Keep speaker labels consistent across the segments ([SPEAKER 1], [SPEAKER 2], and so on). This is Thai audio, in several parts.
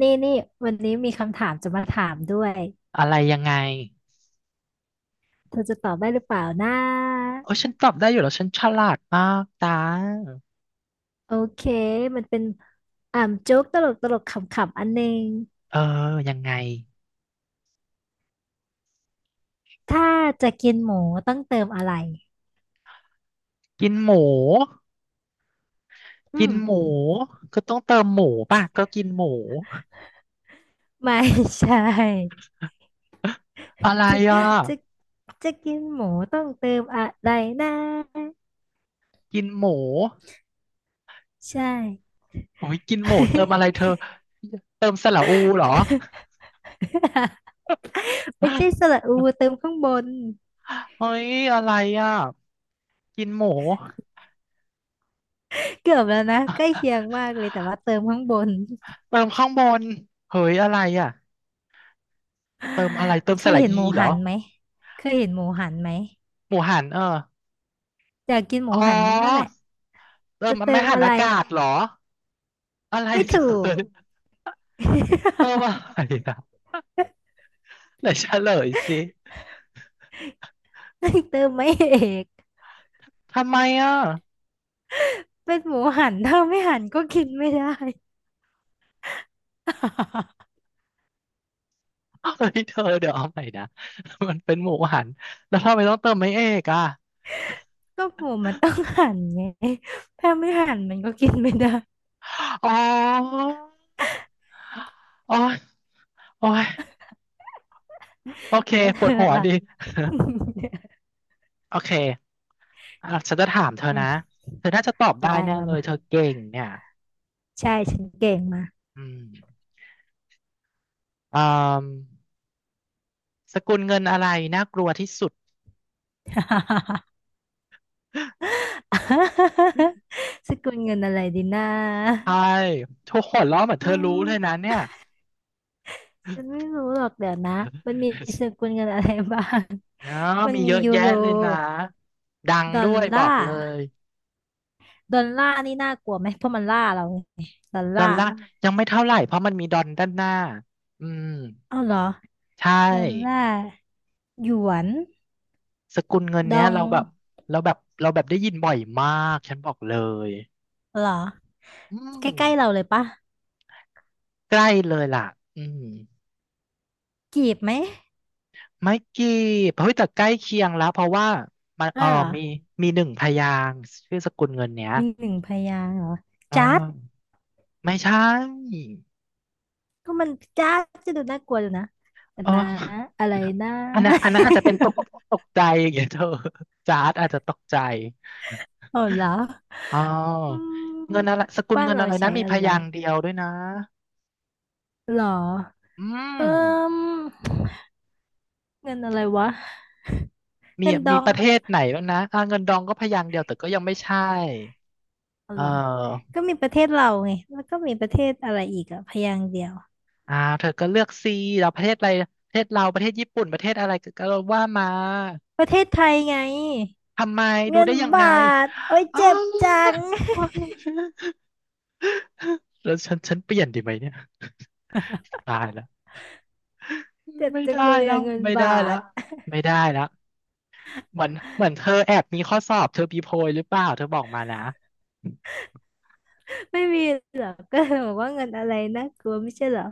[SPEAKER 1] นี่นี่วันนี้มีคำถามจะมาถามด้วย
[SPEAKER 2] อะไรยังไง
[SPEAKER 1] เธอจะตอบได้หรือเปล่านะ
[SPEAKER 2] โอ้ยฉันตอบได้อยู่แล้วฉันฉลาดมากตา
[SPEAKER 1] โอเคมันเป็นโจ๊กตลกขำๆอันหนึง
[SPEAKER 2] เออยังไง
[SPEAKER 1] ถ้าจะกินหมูต้องเติมอะไร
[SPEAKER 2] กินหมู
[SPEAKER 1] อื
[SPEAKER 2] กิน
[SPEAKER 1] ม
[SPEAKER 2] หมูก็ต้องเติมหมูป่ะก็กินหมู
[SPEAKER 1] ไม่ใช่จ
[SPEAKER 2] อะไร
[SPEAKER 1] ะ
[SPEAKER 2] อ่ะ
[SPEAKER 1] จะกินหมูต้องเติมอะไรนะ
[SPEAKER 2] กินหมู
[SPEAKER 1] ใช่
[SPEAKER 2] โอ้ยกินหมูเติมอะไรเธอเติมสระอูเหรอ
[SPEAKER 1] ไม่ใช่สระอูเติมข้างบน
[SPEAKER 2] เฮ้ยอะไรอ่ะกินหมู
[SPEAKER 1] เกือบแล้วนะใกล้เคียงมากเลยแต่ว่าเติมข้างบน
[SPEAKER 2] เติมข้างบนเฮ้ยอะไรอ่ะเติมอะไรเติม
[SPEAKER 1] เค
[SPEAKER 2] ส
[SPEAKER 1] ย
[SPEAKER 2] ระ
[SPEAKER 1] เห็น
[SPEAKER 2] อี
[SPEAKER 1] หมู
[SPEAKER 2] เหร
[SPEAKER 1] หั
[SPEAKER 2] อ
[SPEAKER 1] นไหมเคยเห็นหมูหันไหม
[SPEAKER 2] หมูหันเออ
[SPEAKER 1] อยากกินหมู
[SPEAKER 2] อ๋อ
[SPEAKER 1] หันนั่นแหละ
[SPEAKER 2] เติม
[SPEAKER 1] จะเติ
[SPEAKER 2] ไม่
[SPEAKER 1] ม
[SPEAKER 2] หัน
[SPEAKER 1] อะไร
[SPEAKER 2] อากาศเหรออะไร
[SPEAKER 1] ไม่
[SPEAKER 2] เธ
[SPEAKER 1] ถู
[SPEAKER 2] อ
[SPEAKER 1] ก
[SPEAKER 2] เออว่าไงนะไหนเฉลยสิ
[SPEAKER 1] เติมไม่เอก
[SPEAKER 2] ทำไมอ่ะ
[SPEAKER 1] เป็นหมูหันถ้าไม่หันก็กินไม่ได้
[SPEAKER 2] เฮ้ยเธอเดี๋ยวเอาใหม่นะ มันเป็นหมูหัน แล้วทำไมต้องเติมไม่เอกอ่ะ
[SPEAKER 1] ก็หมูมันต้องหันไงถ้าไม่หันมันก็กินไม่ได้
[SPEAKER 2] อ๋อโอ้ยโอ้ยโอเค
[SPEAKER 1] แล้ว
[SPEAKER 2] ป
[SPEAKER 1] เธ
[SPEAKER 2] วด
[SPEAKER 1] อ
[SPEAKER 2] หัว
[SPEAKER 1] ล่ะ
[SPEAKER 2] ดิ โอเคอ่ะฉันจะถามเธอ
[SPEAKER 1] อื
[SPEAKER 2] นะ
[SPEAKER 1] ม
[SPEAKER 2] เธอน่าจะตอบได้
[SPEAKER 1] ได้
[SPEAKER 2] แน่
[SPEAKER 1] มา
[SPEAKER 2] เลย
[SPEAKER 1] มา
[SPEAKER 2] เธอเก่งเนี่ย
[SPEAKER 1] ใช่ฉันเก่งมา
[SPEAKER 2] อืมอ่าสกุลเงินอะไรน่ากลัวที่สุด
[SPEAKER 1] สกุลเงินอะไรดีนะ
[SPEAKER 2] ใช่ทุกคนล้อเหมือนเธ
[SPEAKER 1] อื
[SPEAKER 2] อรู้เลยนะ
[SPEAKER 1] ม
[SPEAKER 2] เนี่ย
[SPEAKER 1] ฉันไม่รู้หรอกเดี๋ยวนะ มันมีสกุลเงินอะไรบ้าง
[SPEAKER 2] อ๋อ
[SPEAKER 1] มัน
[SPEAKER 2] มี
[SPEAKER 1] มี
[SPEAKER 2] เยอะ
[SPEAKER 1] ยู
[SPEAKER 2] แยะ
[SPEAKER 1] โร
[SPEAKER 2] เลยนะ ดัง
[SPEAKER 1] ดอ
[SPEAKER 2] ด้
[SPEAKER 1] ล
[SPEAKER 2] วยบ
[SPEAKER 1] ลา
[SPEAKER 2] อก
[SPEAKER 1] ร์
[SPEAKER 2] เลย
[SPEAKER 1] ดอลลาร์นี่น่ากลัวไหมเพราะมันล่าเราไงดอล
[SPEAKER 2] ดอ
[SPEAKER 1] ลา
[SPEAKER 2] ล
[SPEAKER 1] ร์
[SPEAKER 2] ลาร์ยังไม่เท่าไหร่เพราะมันมีดอลด้านหน้าอืม
[SPEAKER 1] อ้าวเหรอ
[SPEAKER 2] ใช
[SPEAKER 1] ดอลลา
[SPEAKER 2] ่
[SPEAKER 1] ร์หยวน
[SPEAKER 2] สกุลเงิน
[SPEAKER 1] ดอ
[SPEAKER 2] เนี้ย
[SPEAKER 1] ง
[SPEAKER 2] เราแบบเราแบบได้ยินบ่อยมากฉันบอกเลย
[SPEAKER 1] เหรอ
[SPEAKER 2] อื
[SPEAKER 1] ใก
[SPEAKER 2] ม
[SPEAKER 1] ล้ๆเราเลยปะ
[SPEAKER 2] ใกล้เลยล่ะอืม
[SPEAKER 1] กีบไหม
[SPEAKER 2] ไม่กี่เฮ้ยแต่ใกล้เคียงแล้วเพราะว่ามัน
[SPEAKER 1] เออเหรอ
[SPEAKER 2] มี หนึ่งพยางค์ชื่อสกุลเงินเนี้ย
[SPEAKER 1] มีหนึ่งพยางค์เหรอ
[SPEAKER 2] อ่
[SPEAKER 1] จ๊าด
[SPEAKER 2] าไม่ใช่
[SPEAKER 1] ก็มันจ๊าดจะดูน่ากลัวอยู่นะแต่
[SPEAKER 2] เออ
[SPEAKER 1] นะอะไรนะ
[SPEAKER 2] อันนั้น อาจจะเป็นตกใจอย่างเงี้ยเธอ จาร์ดอาจจะตกใจ
[SPEAKER 1] ออาเหรอ
[SPEAKER 2] อ๋อ
[SPEAKER 1] อื
[SPEAKER 2] เงิ
[SPEAKER 1] ม
[SPEAKER 2] นอะไรสกุล
[SPEAKER 1] บ้าน
[SPEAKER 2] เงิน
[SPEAKER 1] เรา
[SPEAKER 2] อะไรนะ
[SPEAKER 1] ใช้
[SPEAKER 2] มี
[SPEAKER 1] อะ
[SPEAKER 2] พ
[SPEAKER 1] ไร
[SPEAKER 2] ยางค์เดียวด้วยนะ
[SPEAKER 1] เหรอ
[SPEAKER 2] อืม
[SPEAKER 1] เอิ่มเงินอะไรวะ
[SPEAKER 2] มี
[SPEAKER 1] เงินดอง
[SPEAKER 2] ประเทศไหนแล้วนะอ่าเงินดองก็พยางค์เดียวแต่ก็ยังไม่ใช่
[SPEAKER 1] อ๋อ
[SPEAKER 2] เ
[SPEAKER 1] เหรอ
[SPEAKER 2] ออ
[SPEAKER 1] ก็มีประเทศเราไง แล้วก็มีประเทศอะไรอีกอะพยางค์เดียว
[SPEAKER 2] อ่าเธอก็เลือกซีเราประเทศอะไรประเทศเราประเทศญี่ปุ่นประเทศอะไรก็ว่ามา
[SPEAKER 1] ประเทศไทยไง
[SPEAKER 2] ทำไมดู
[SPEAKER 1] เงิน
[SPEAKER 2] ได้ยัง
[SPEAKER 1] บา
[SPEAKER 2] ไง
[SPEAKER 1] ท โอ้ย
[SPEAKER 2] อ๋อ
[SPEAKER 1] เจ็บจัง
[SPEAKER 2] า ว แล้วฉันเปลี่ยนดีไหมเนี่ย ตายละ
[SPEAKER 1] เจ็บ
[SPEAKER 2] ไม่
[SPEAKER 1] จัง
[SPEAKER 2] ได้
[SPEAKER 1] เลย
[SPEAKER 2] แล้
[SPEAKER 1] อะ
[SPEAKER 2] ว
[SPEAKER 1] เงินบาท
[SPEAKER 2] ไม่ได้แล้วเหมือนเธอแอบมีข้อสอบเธอปีโพยหรือเปล่าเธอบอกมานะ
[SPEAKER 1] ไม่มีเหรอก็เลยบอกว่าเงินอะไรนะกลัวไม่ใช่เหรอ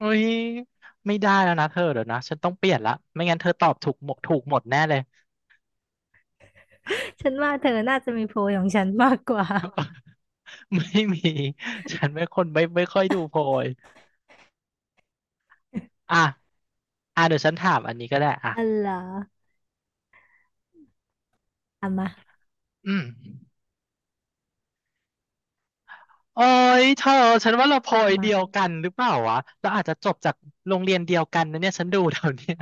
[SPEAKER 2] อุ้ยไม่ได้แล้วนะเธอเดี๋ยวนะฉันต้องเปลี่ยนละไม่งั้นเธอตอบถูกหมดถูกหมดแน่เลย
[SPEAKER 1] ฉันว่าเธอน่าจะมีโพยของฉันมากกว่า
[SPEAKER 2] ไม่มีฉันไม่ค่อยดูโพยอ่ะอ่ะเดี๋ยวฉันถามอันนี้ก็ได้อ่ะ
[SPEAKER 1] อ๋อเหรอเอามา
[SPEAKER 2] อืมโอ้ยเธอฉันว่าเราโพย
[SPEAKER 1] มา
[SPEAKER 2] เดียวกันหรือเปล่าวะเราอาจจะจบจากโรงเรียนเดียวกันนะเนี่ยฉันดูแถวเนี้ย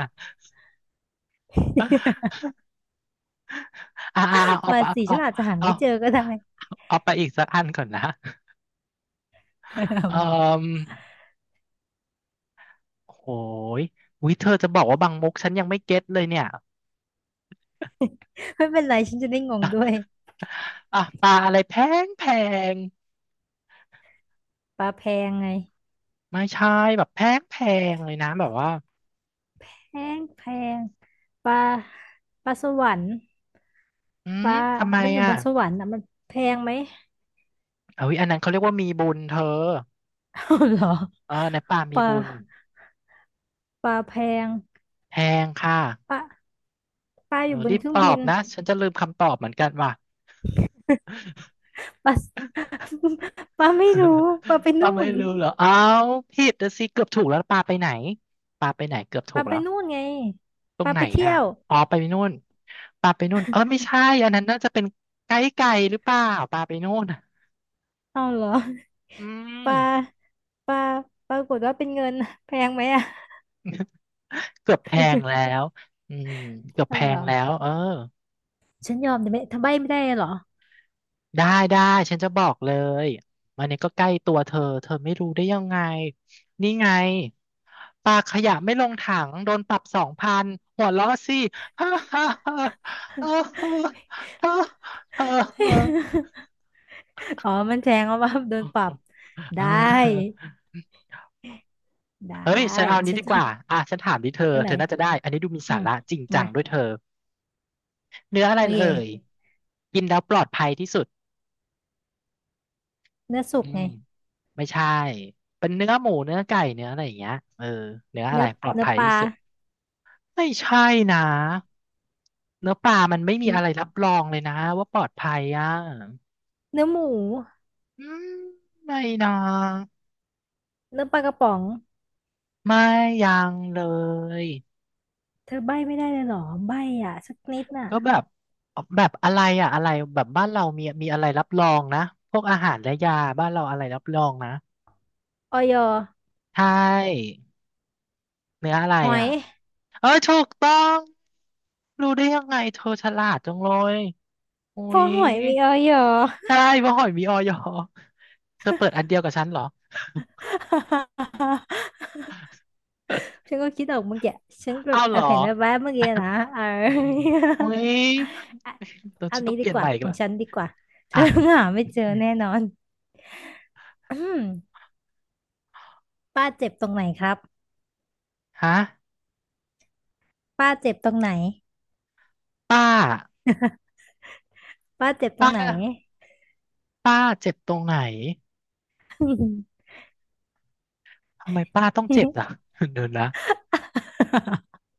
[SPEAKER 2] อ่าอ
[SPEAKER 1] มาสิฉั
[SPEAKER 2] เอา
[SPEAKER 1] นอาจจะหา
[SPEAKER 2] เอา
[SPEAKER 1] ไม่เจอก็ได้
[SPEAKER 2] เอาไปอีกสักอันก่อนนะเอ่อโหยวิเธอจะบอกว่าบางมุกฉันยังไม่เก็ตเลยเนี่ย
[SPEAKER 1] ไม่เป็นไรฉันจะได้งงด้วย
[SPEAKER 2] อ่ะปลาอะไรแพงง
[SPEAKER 1] ปลาแพงไง
[SPEAKER 2] ไม่ใช่แบบแพงเลยนะแบบว่า
[SPEAKER 1] แพงแพงปลาปลาสวรรค์
[SPEAKER 2] อื
[SPEAKER 1] ป
[SPEAKER 2] ม
[SPEAKER 1] ลา
[SPEAKER 2] ทำไม
[SPEAKER 1] มันอยู่
[SPEAKER 2] อ่ะ
[SPEAKER 1] บนสวรรค์อ่ะมันแพงไหม
[SPEAKER 2] เอ้ยอันนั้นเขาเรียกว่ามีบุญเธอ
[SPEAKER 1] เอาเหรอ
[SPEAKER 2] เออในป่า
[SPEAKER 1] ป
[SPEAKER 2] มี
[SPEAKER 1] ลา
[SPEAKER 2] บุญ
[SPEAKER 1] ปลาแพง
[SPEAKER 2] แพงค่ะ
[SPEAKER 1] ปลาปลา
[SPEAKER 2] เอ
[SPEAKER 1] อ
[SPEAKER 2] อ
[SPEAKER 1] ยู่บ
[SPEAKER 2] รี
[SPEAKER 1] น
[SPEAKER 2] บ
[SPEAKER 1] เครื่
[SPEAKER 2] ต
[SPEAKER 1] อง
[SPEAKER 2] อ
[SPEAKER 1] บิ
[SPEAKER 2] บ
[SPEAKER 1] น
[SPEAKER 2] นะฉันจะลืมคำตอบเหมือนกันว่ะ
[SPEAKER 1] ปลา ปลาไม่รู้ปลาไป
[SPEAKER 2] ป้า
[SPEAKER 1] นู่
[SPEAKER 2] ไม่
[SPEAKER 1] น
[SPEAKER 2] รู้เหรอเอาผิดน่ะสิเกือบถูกแล้วปลาไปไหนเกือบ
[SPEAKER 1] ป
[SPEAKER 2] ถู
[SPEAKER 1] ลา
[SPEAKER 2] ก
[SPEAKER 1] ไป
[SPEAKER 2] แล้ว
[SPEAKER 1] นู่นไง
[SPEAKER 2] ตร
[SPEAKER 1] ป
[SPEAKER 2] ง
[SPEAKER 1] ลา
[SPEAKER 2] ไหน
[SPEAKER 1] ไปเที่
[SPEAKER 2] อ่ะ
[SPEAKER 1] ยว
[SPEAKER 2] อ๋อไปนู่นปลาไปนู่นเออไม่ใช่อันนั้นน่าจะเป็นไกด์ไก่หรือเปล่าปลาไปนู่นอ่ะ
[SPEAKER 1] เอาเหรอ
[SPEAKER 2] อื
[SPEAKER 1] ป
[SPEAKER 2] ม
[SPEAKER 1] ลาปลาปรากฏว่าเป็นเงินแพงไหมอ่ะ
[SPEAKER 2] เกือบแพงแล้วอืมเกือบ
[SPEAKER 1] เอา
[SPEAKER 2] แพ
[SPEAKER 1] เหร
[SPEAKER 2] ง
[SPEAKER 1] อ
[SPEAKER 2] แล้วเออ
[SPEAKER 1] ฉันยอมแต่ไหม่ทำใบไม่ได้เหรอ
[SPEAKER 2] ได้ได้ฉันจะบอกเลยอันนี้ก็ใกล้ตัวเธอเธอไม่รู้ได้ยังไงนี่ไงปลาขยะไม่ลงถังโดนปรับ2,000หัวเราะสิ ฮ่าฮ่าฮ่าฮ่าฮ่าฮ่า
[SPEAKER 1] อ๋อมันแทงเอาว่าโดนปรับ
[SPEAKER 2] ฮ่
[SPEAKER 1] ได้
[SPEAKER 2] า
[SPEAKER 1] ได้
[SPEAKER 2] เฮ้ยฉันเอาอันนี้
[SPEAKER 1] ฉัน
[SPEAKER 2] ดีก
[SPEAKER 1] จะ
[SPEAKER 2] ว่าอ่ะฉันถามดิเธอ
[SPEAKER 1] อันไหน
[SPEAKER 2] เธอน่าจะได้อันนี้ดูมี
[SPEAKER 1] อื
[SPEAKER 2] สา
[SPEAKER 1] ม
[SPEAKER 2] ระจริงจั
[SPEAKER 1] มา
[SPEAKER 2] งด้วยเธอ เนื้ออะไร
[SPEAKER 1] โอ
[SPEAKER 2] เอ่ย
[SPEAKER 1] เค
[SPEAKER 2] กินแล้วปลอดภัยที่สุด
[SPEAKER 1] เนื้อสุ
[SPEAKER 2] อื
[SPEAKER 1] ก
[SPEAKER 2] ม
[SPEAKER 1] ไง
[SPEAKER 2] ไม่ใช่ เป็นเนื้อหมูเนื้อไก่เนื้ออะไรอย่างเงี้ยเออเนื้ออะไร
[SPEAKER 1] เนื้อ
[SPEAKER 2] ปลอด
[SPEAKER 1] เนื้อ
[SPEAKER 2] ภัย
[SPEAKER 1] ป
[SPEAKER 2] ที่
[SPEAKER 1] ลา
[SPEAKER 2] สุดไม่ใช่นะเนื้อปลามันไม่
[SPEAKER 1] เน
[SPEAKER 2] มีอะไร
[SPEAKER 1] อ
[SPEAKER 2] รับรองเลยนะว่าปลอดภัยอ่ะ
[SPEAKER 1] เนื้อหมู
[SPEAKER 2] อืมไม่นะ
[SPEAKER 1] เนื้อปลากระป๋อง
[SPEAKER 2] ไม่ยังเลย
[SPEAKER 1] เธอใบ้ไม่ได้เลยเหรอใบ้อ่ะสักนิดน่ะ
[SPEAKER 2] ก็แบบอะไรอ่ะอะไรแบบบ้านเรามีอะไรรับรองนะพวกอาหารและยาบ้านเราอะไรรับรองนะ
[SPEAKER 1] ออย
[SPEAKER 2] ใช่เนื้ออะไร
[SPEAKER 1] หอย
[SPEAKER 2] อ่ะเออถูกต้องรู้ได้ยังไงเธอฉลาดจังเลยอุ้
[SPEAKER 1] เพอ
[SPEAKER 2] ย
[SPEAKER 1] หอยมีออย
[SPEAKER 2] ใช่ว่าหอยมีออยเธอเปิดอันเดียวกับฉันเหรอ
[SPEAKER 1] ฉันก็คิดออกเมื่อกี้ฉัน แบ
[SPEAKER 2] อ้า
[SPEAKER 1] บ
[SPEAKER 2] ว
[SPEAKER 1] แอ
[SPEAKER 2] เหร
[SPEAKER 1] บ
[SPEAKER 2] อ
[SPEAKER 1] เห็นแวบๆเมื่อกี้นะเอ
[SPEAKER 2] อืม
[SPEAKER 1] อ
[SPEAKER 2] อุ้ย
[SPEAKER 1] อ่ะ
[SPEAKER 2] เรา
[SPEAKER 1] อั
[SPEAKER 2] จะ
[SPEAKER 1] น
[SPEAKER 2] ต้อ
[SPEAKER 1] นี้
[SPEAKER 2] งเป
[SPEAKER 1] ดี
[SPEAKER 2] ลี่ยน
[SPEAKER 1] ก
[SPEAKER 2] ให
[SPEAKER 1] ว่า
[SPEAKER 2] ม่อี
[SPEAKER 1] ข
[SPEAKER 2] ก
[SPEAKER 1] อง
[SPEAKER 2] ละ
[SPEAKER 1] ฉันดีกว่าเธอ
[SPEAKER 2] อ่ะ
[SPEAKER 1] หาไม่เจอแน่นอน อืมป้าเจ็บตรงไหนครับ
[SPEAKER 2] ฮะ
[SPEAKER 1] ป้าเจ็บตรงไหน
[SPEAKER 2] ป้า
[SPEAKER 1] ป้าเจ็บตร
[SPEAKER 2] ป้า
[SPEAKER 1] งไหน
[SPEAKER 2] ป้าเจ็บตรงไหน ทำไมป้าต้องเจ็บอ่ะ เดี๋ยวนะ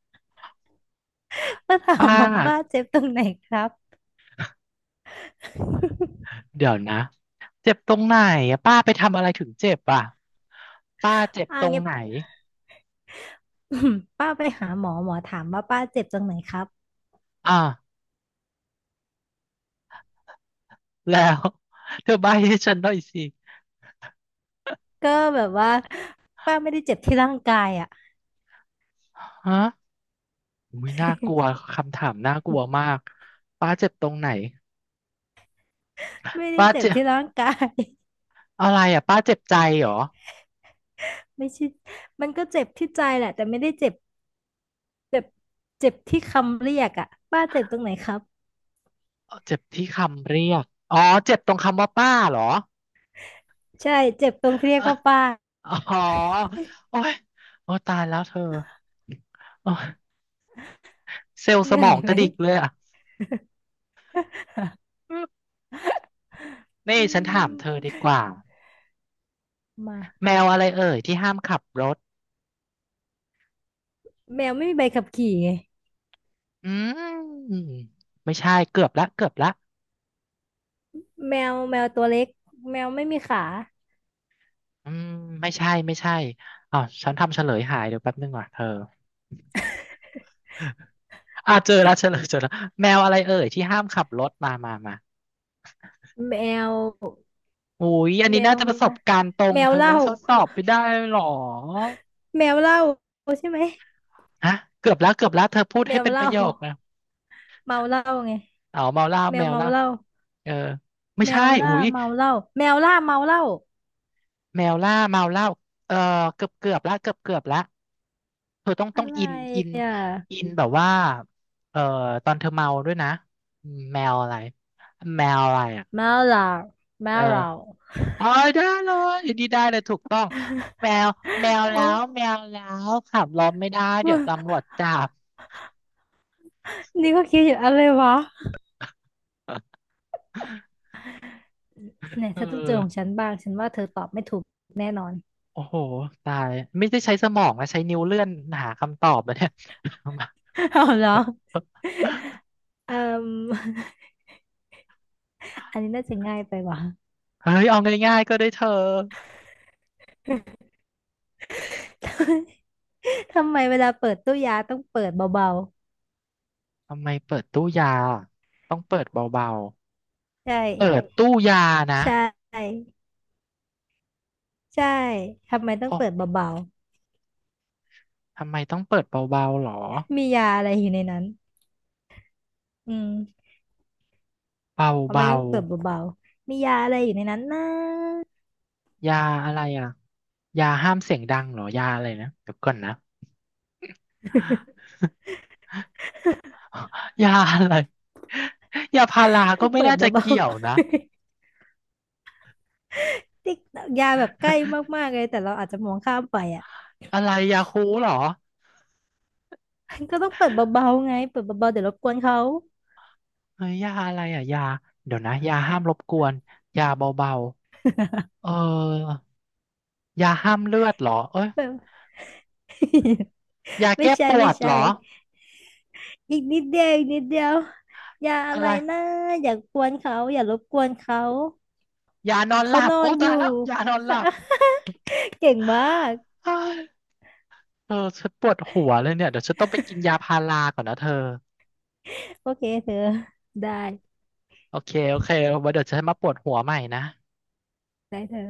[SPEAKER 1] ถ้า ถาม
[SPEAKER 2] ป้า
[SPEAKER 1] ว่าป้าเจ็บตรงไหนครับ
[SPEAKER 2] เดี๋ยวนะเจ็บตรงไหนอะป้าไปทำอะไรถึงเจ็บอ่ะป้าเจ็บ
[SPEAKER 1] อ่า
[SPEAKER 2] ตรง
[SPEAKER 1] งี้น
[SPEAKER 2] ไหน
[SPEAKER 1] อืมป้าไปหาหมอหมอถามว่าป้าเจ็บตรงไหนครับ
[SPEAKER 2] อ่ะแล้ว เธอใบ้ให้ฉันหน่อยสิ
[SPEAKER 1] ก็แบบว่าป้าไม่ได้เจ็บที่ร่างกายอ่ะ
[SPEAKER 2] ฮะอุ้ยน่ากลัวคำถามน่ากลัวมากป้าเจ็บตรงไหน
[SPEAKER 1] ไม่ได้
[SPEAKER 2] ป้า
[SPEAKER 1] เจ็บ
[SPEAKER 2] เจ็บ
[SPEAKER 1] ที่ร่างกาย
[SPEAKER 2] อะไรอ่ะป้าเจ็บใจเหรอ
[SPEAKER 1] ไม่ใช่มันก็เจ็บที่ใจแหละแต่ไม่ได้เจ็บเจ็บเจ็บที่คำเรียกอ่ะป้าเจ็บตรงไหนครับ
[SPEAKER 2] เจ็บที่คำเรียกอ๋อเจ็บตรงคำว่าป้าเหรอ
[SPEAKER 1] ใช่เจ็บตรงที่เรี
[SPEAKER 2] เอ่
[SPEAKER 1] ยกว่าป้า
[SPEAKER 2] อ๋อโอ้ยโอ้ตายแล้วเธอโอ้ยเซลล์
[SPEAKER 1] เห
[SPEAKER 2] ส
[SPEAKER 1] นื่อ
[SPEAKER 2] มอ
[SPEAKER 1] ย
[SPEAKER 2] งก
[SPEAKER 1] ไหม
[SPEAKER 2] ระดิกเลยอ่ะ นี่
[SPEAKER 1] อื
[SPEAKER 2] ฉันถามเธอ
[SPEAKER 1] ม
[SPEAKER 2] ดีกว่า
[SPEAKER 1] า
[SPEAKER 2] แมวอะไรเอ่ยที่ห้ามขับรถ
[SPEAKER 1] แมวไม่มีใบขับขี่ไง
[SPEAKER 2] อืมไม่ใช่เกือบละ
[SPEAKER 1] แมวแมวตัวเล็กแมวไม่มีขา
[SPEAKER 2] อืมไม่ใช่อ้าวฉันทำเฉลยหายเดี๋ยวแป๊บนึงว่ะเธอ อ่าเจอแล้วเฉลยเจอแล้วแมวอะไรเอ่ยที่ห้ามขับรถมา
[SPEAKER 1] แมว
[SPEAKER 2] อุ้ยอัน
[SPEAKER 1] แม
[SPEAKER 2] นี้น่า
[SPEAKER 1] ว
[SPEAKER 2] จะประสบการณ์ตรง
[SPEAKER 1] แม
[SPEAKER 2] เธ
[SPEAKER 1] ว
[SPEAKER 2] อ
[SPEAKER 1] เห
[SPEAKER 2] นะ
[SPEAKER 1] ล้า
[SPEAKER 2] ทดสอบไปได้หรอ
[SPEAKER 1] แมวเหล้าใช่ไหม
[SPEAKER 2] ฮะเกือบแล้วเธอพูด
[SPEAKER 1] แม
[SPEAKER 2] ให้
[SPEAKER 1] ว
[SPEAKER 2] เป็น
[SPEAKER 1] เห
[SPEAKER 2] ป
[SPEAKER 1] ล้า
[SPEAKER 2] ระโยคนะ
[SPEAKER 1] เมาเหล้าไง
[SPEAKER 2] เอาเมาเหล้า
[SPEAKER 1] แม
[SPEAKER 2] แม
[SPEAKER 1] ว
[SPEAKER 2] วเห
[SPEAKER 1] เมา
[SPEAKER 2] ล้า
[SPEAKER 1] เหล้า
[SPEAKER 2] เออไม่
[SPEAKER 1] แม
[SPEAKER 2] ใช่
[SPEAKER 1] วล่า
[SPEAKER 2] อุ้ย
[SPEAKER 1] เมาเหล้าแมวล่าเมาเหล้า
[SPEAKER 2] แมวล่าเมาเหล่าเออเกือบเกือบละเกือบเกือบละเธอต้อง
[SPEAKER 1] อะไร
[SPEAKER 2] อิน
[SPEAKER 1] อ่ะ
[SPEAKER 2] อินแบบว่าเออตอนเธอเมาด้วยนะแมวอะไรอ่ะ
[SPEAKER 1] เมาเหล้าเมา
[SPEAKER 2] เออ
[SPEAKER 1] เหล้า
[SPEAKER 2] เอ๋อได้เลยอยู่ดีได้เลยถูกต้องแมวแล้
[SPEAKER 1] โอ้
[SPEAKER 2] วขับรถไม่ได้เดี๋ย
[SPEAKER 1] ว่า
[SPEAKER 2] วตำรวจจับ
[SPEAKER 1] นี่ก็คิดอยู่อะไรวะ เนี่ย
[SPEAKER 2] เอ
[SPEAKER 1] เธอต้องเจอ
[SPEAKER 2] อ
[SPEAKER 1] ของฉันบ้างฉันว่าเธอตอบไม่ถูกแน่นอน
[SPEAKER 2] โอ้โหตายไม่ได้ใช้สมองนะใช้นิ้วเลื่อนหาคำตอบแล้วเนี่ย
[SPEAKER 1] เอาเหรอเอ่ม อันนี้น่าจะง่ายไปว่ะ
[SPEAKER 2] เฮ้ยเอาง่ายๆก็ได้เธอ
[SPEAKER 1] ทำไมเวลาเปิดตู้ยาต้องเปิดเบา
[SPEAKER 2] ทำไมเปิดตู้ยาต้องเปิดเบา
[SPEAKER 1] ๆใช่
[SPEAKER 2] ๆเปิดตู้ยานะ
[SPEAKER 1] ใช่ใช่ทำไมต้อง
[SPEAKER 2] โอ้
[SPEAKER 1] เปิดเบา
[SPEAKER 2] ทำไมต้องเปิดเบาๆหรอ
[SPEAKER 1] ๆมียาอะไรอยู่ในนั้นอืมทำ
[SPEAKER 2] เบา
[SPEAKER 1] ไมต้องเปิดเบาๆมียาอะไรอยู่ในนั้นนะ
[SPEAKER 2] ๆยาอะไรอ่ะยาห้ามเสียงดังเหรอยาอะไรนะเดี๋ยวก่อนนะ ยาอะไรยาพารา
[SPEAKER 1] ต้
[SPEAKER 2] ก็
[SPEAKER 1] อง
[SPEAKER 2] ไม่
[SPEAKER 1] เปิด
[SPEAKER 2] น่าจะ
[SPEAKER 1] เบา
[SPEAKER 2] เกี่ยวนะ
[SPEAKER 1] ๆ ติ๊กยาแบบใกล้มากๆเลยแต่เราอาจจะมองข้ามไปอ่ะ
[SPEAKER 2] อะไรยาคูลเหรอ
[SPEAKER 1] ก็ต้องเปิดเบาๆไงเปิดเบาๆเดี๋ยวรบกวนเขา
[SPEAKER 2] เฮ้ยยาอะไรอ่ะยาเดี๋ยวนะยาห้ามรบกวนยาเบา ๆเออยาห้ามเลือดเหรอเอ้ยยา
[SPEAKER 1] ไม่
[SPEAKER 2] แก้ป
[SPEAKER 1] ใช่
[SPEAKER 2] วดเหรอ
[SPEAKER 1] อีกนิดเดียวอย่าอะ
[SPEAKER 2] อะ
[SPEAKER 1] ไร
[SPEAKER 2] ไร
[SPEAKER 1] นะอย่ากวนเขาอย่ารบกวนเขา
[SPEAKER 2] ยานอนห
[SPEAKER 1] เขา
[SPEAKER 2] ลับ
[SPEAKER 1] นอ
[SPEAKER 2] โอ้
[SPEAKER 1] นอ
[SPEAKER 2] ตา
[SPEAKER 1] ยู่
[SPEAKER 2] ยแล้วยานอนหลับ
[SPEAKER 1] เก่งมาก
[SPEAKER 2] เออฉันปวดหัวเลยเนี่ยเดี๋ยวฉันต้องไปกินยาพาราก่อนนะเธอ
[SPEAKER 1] โอเคเธอได้
[SPEAKER 2] โอเคไว้เดี๋ยวฉันมาปวดหัวใหม่นะ
[SPEAKER 1] ได้เธอ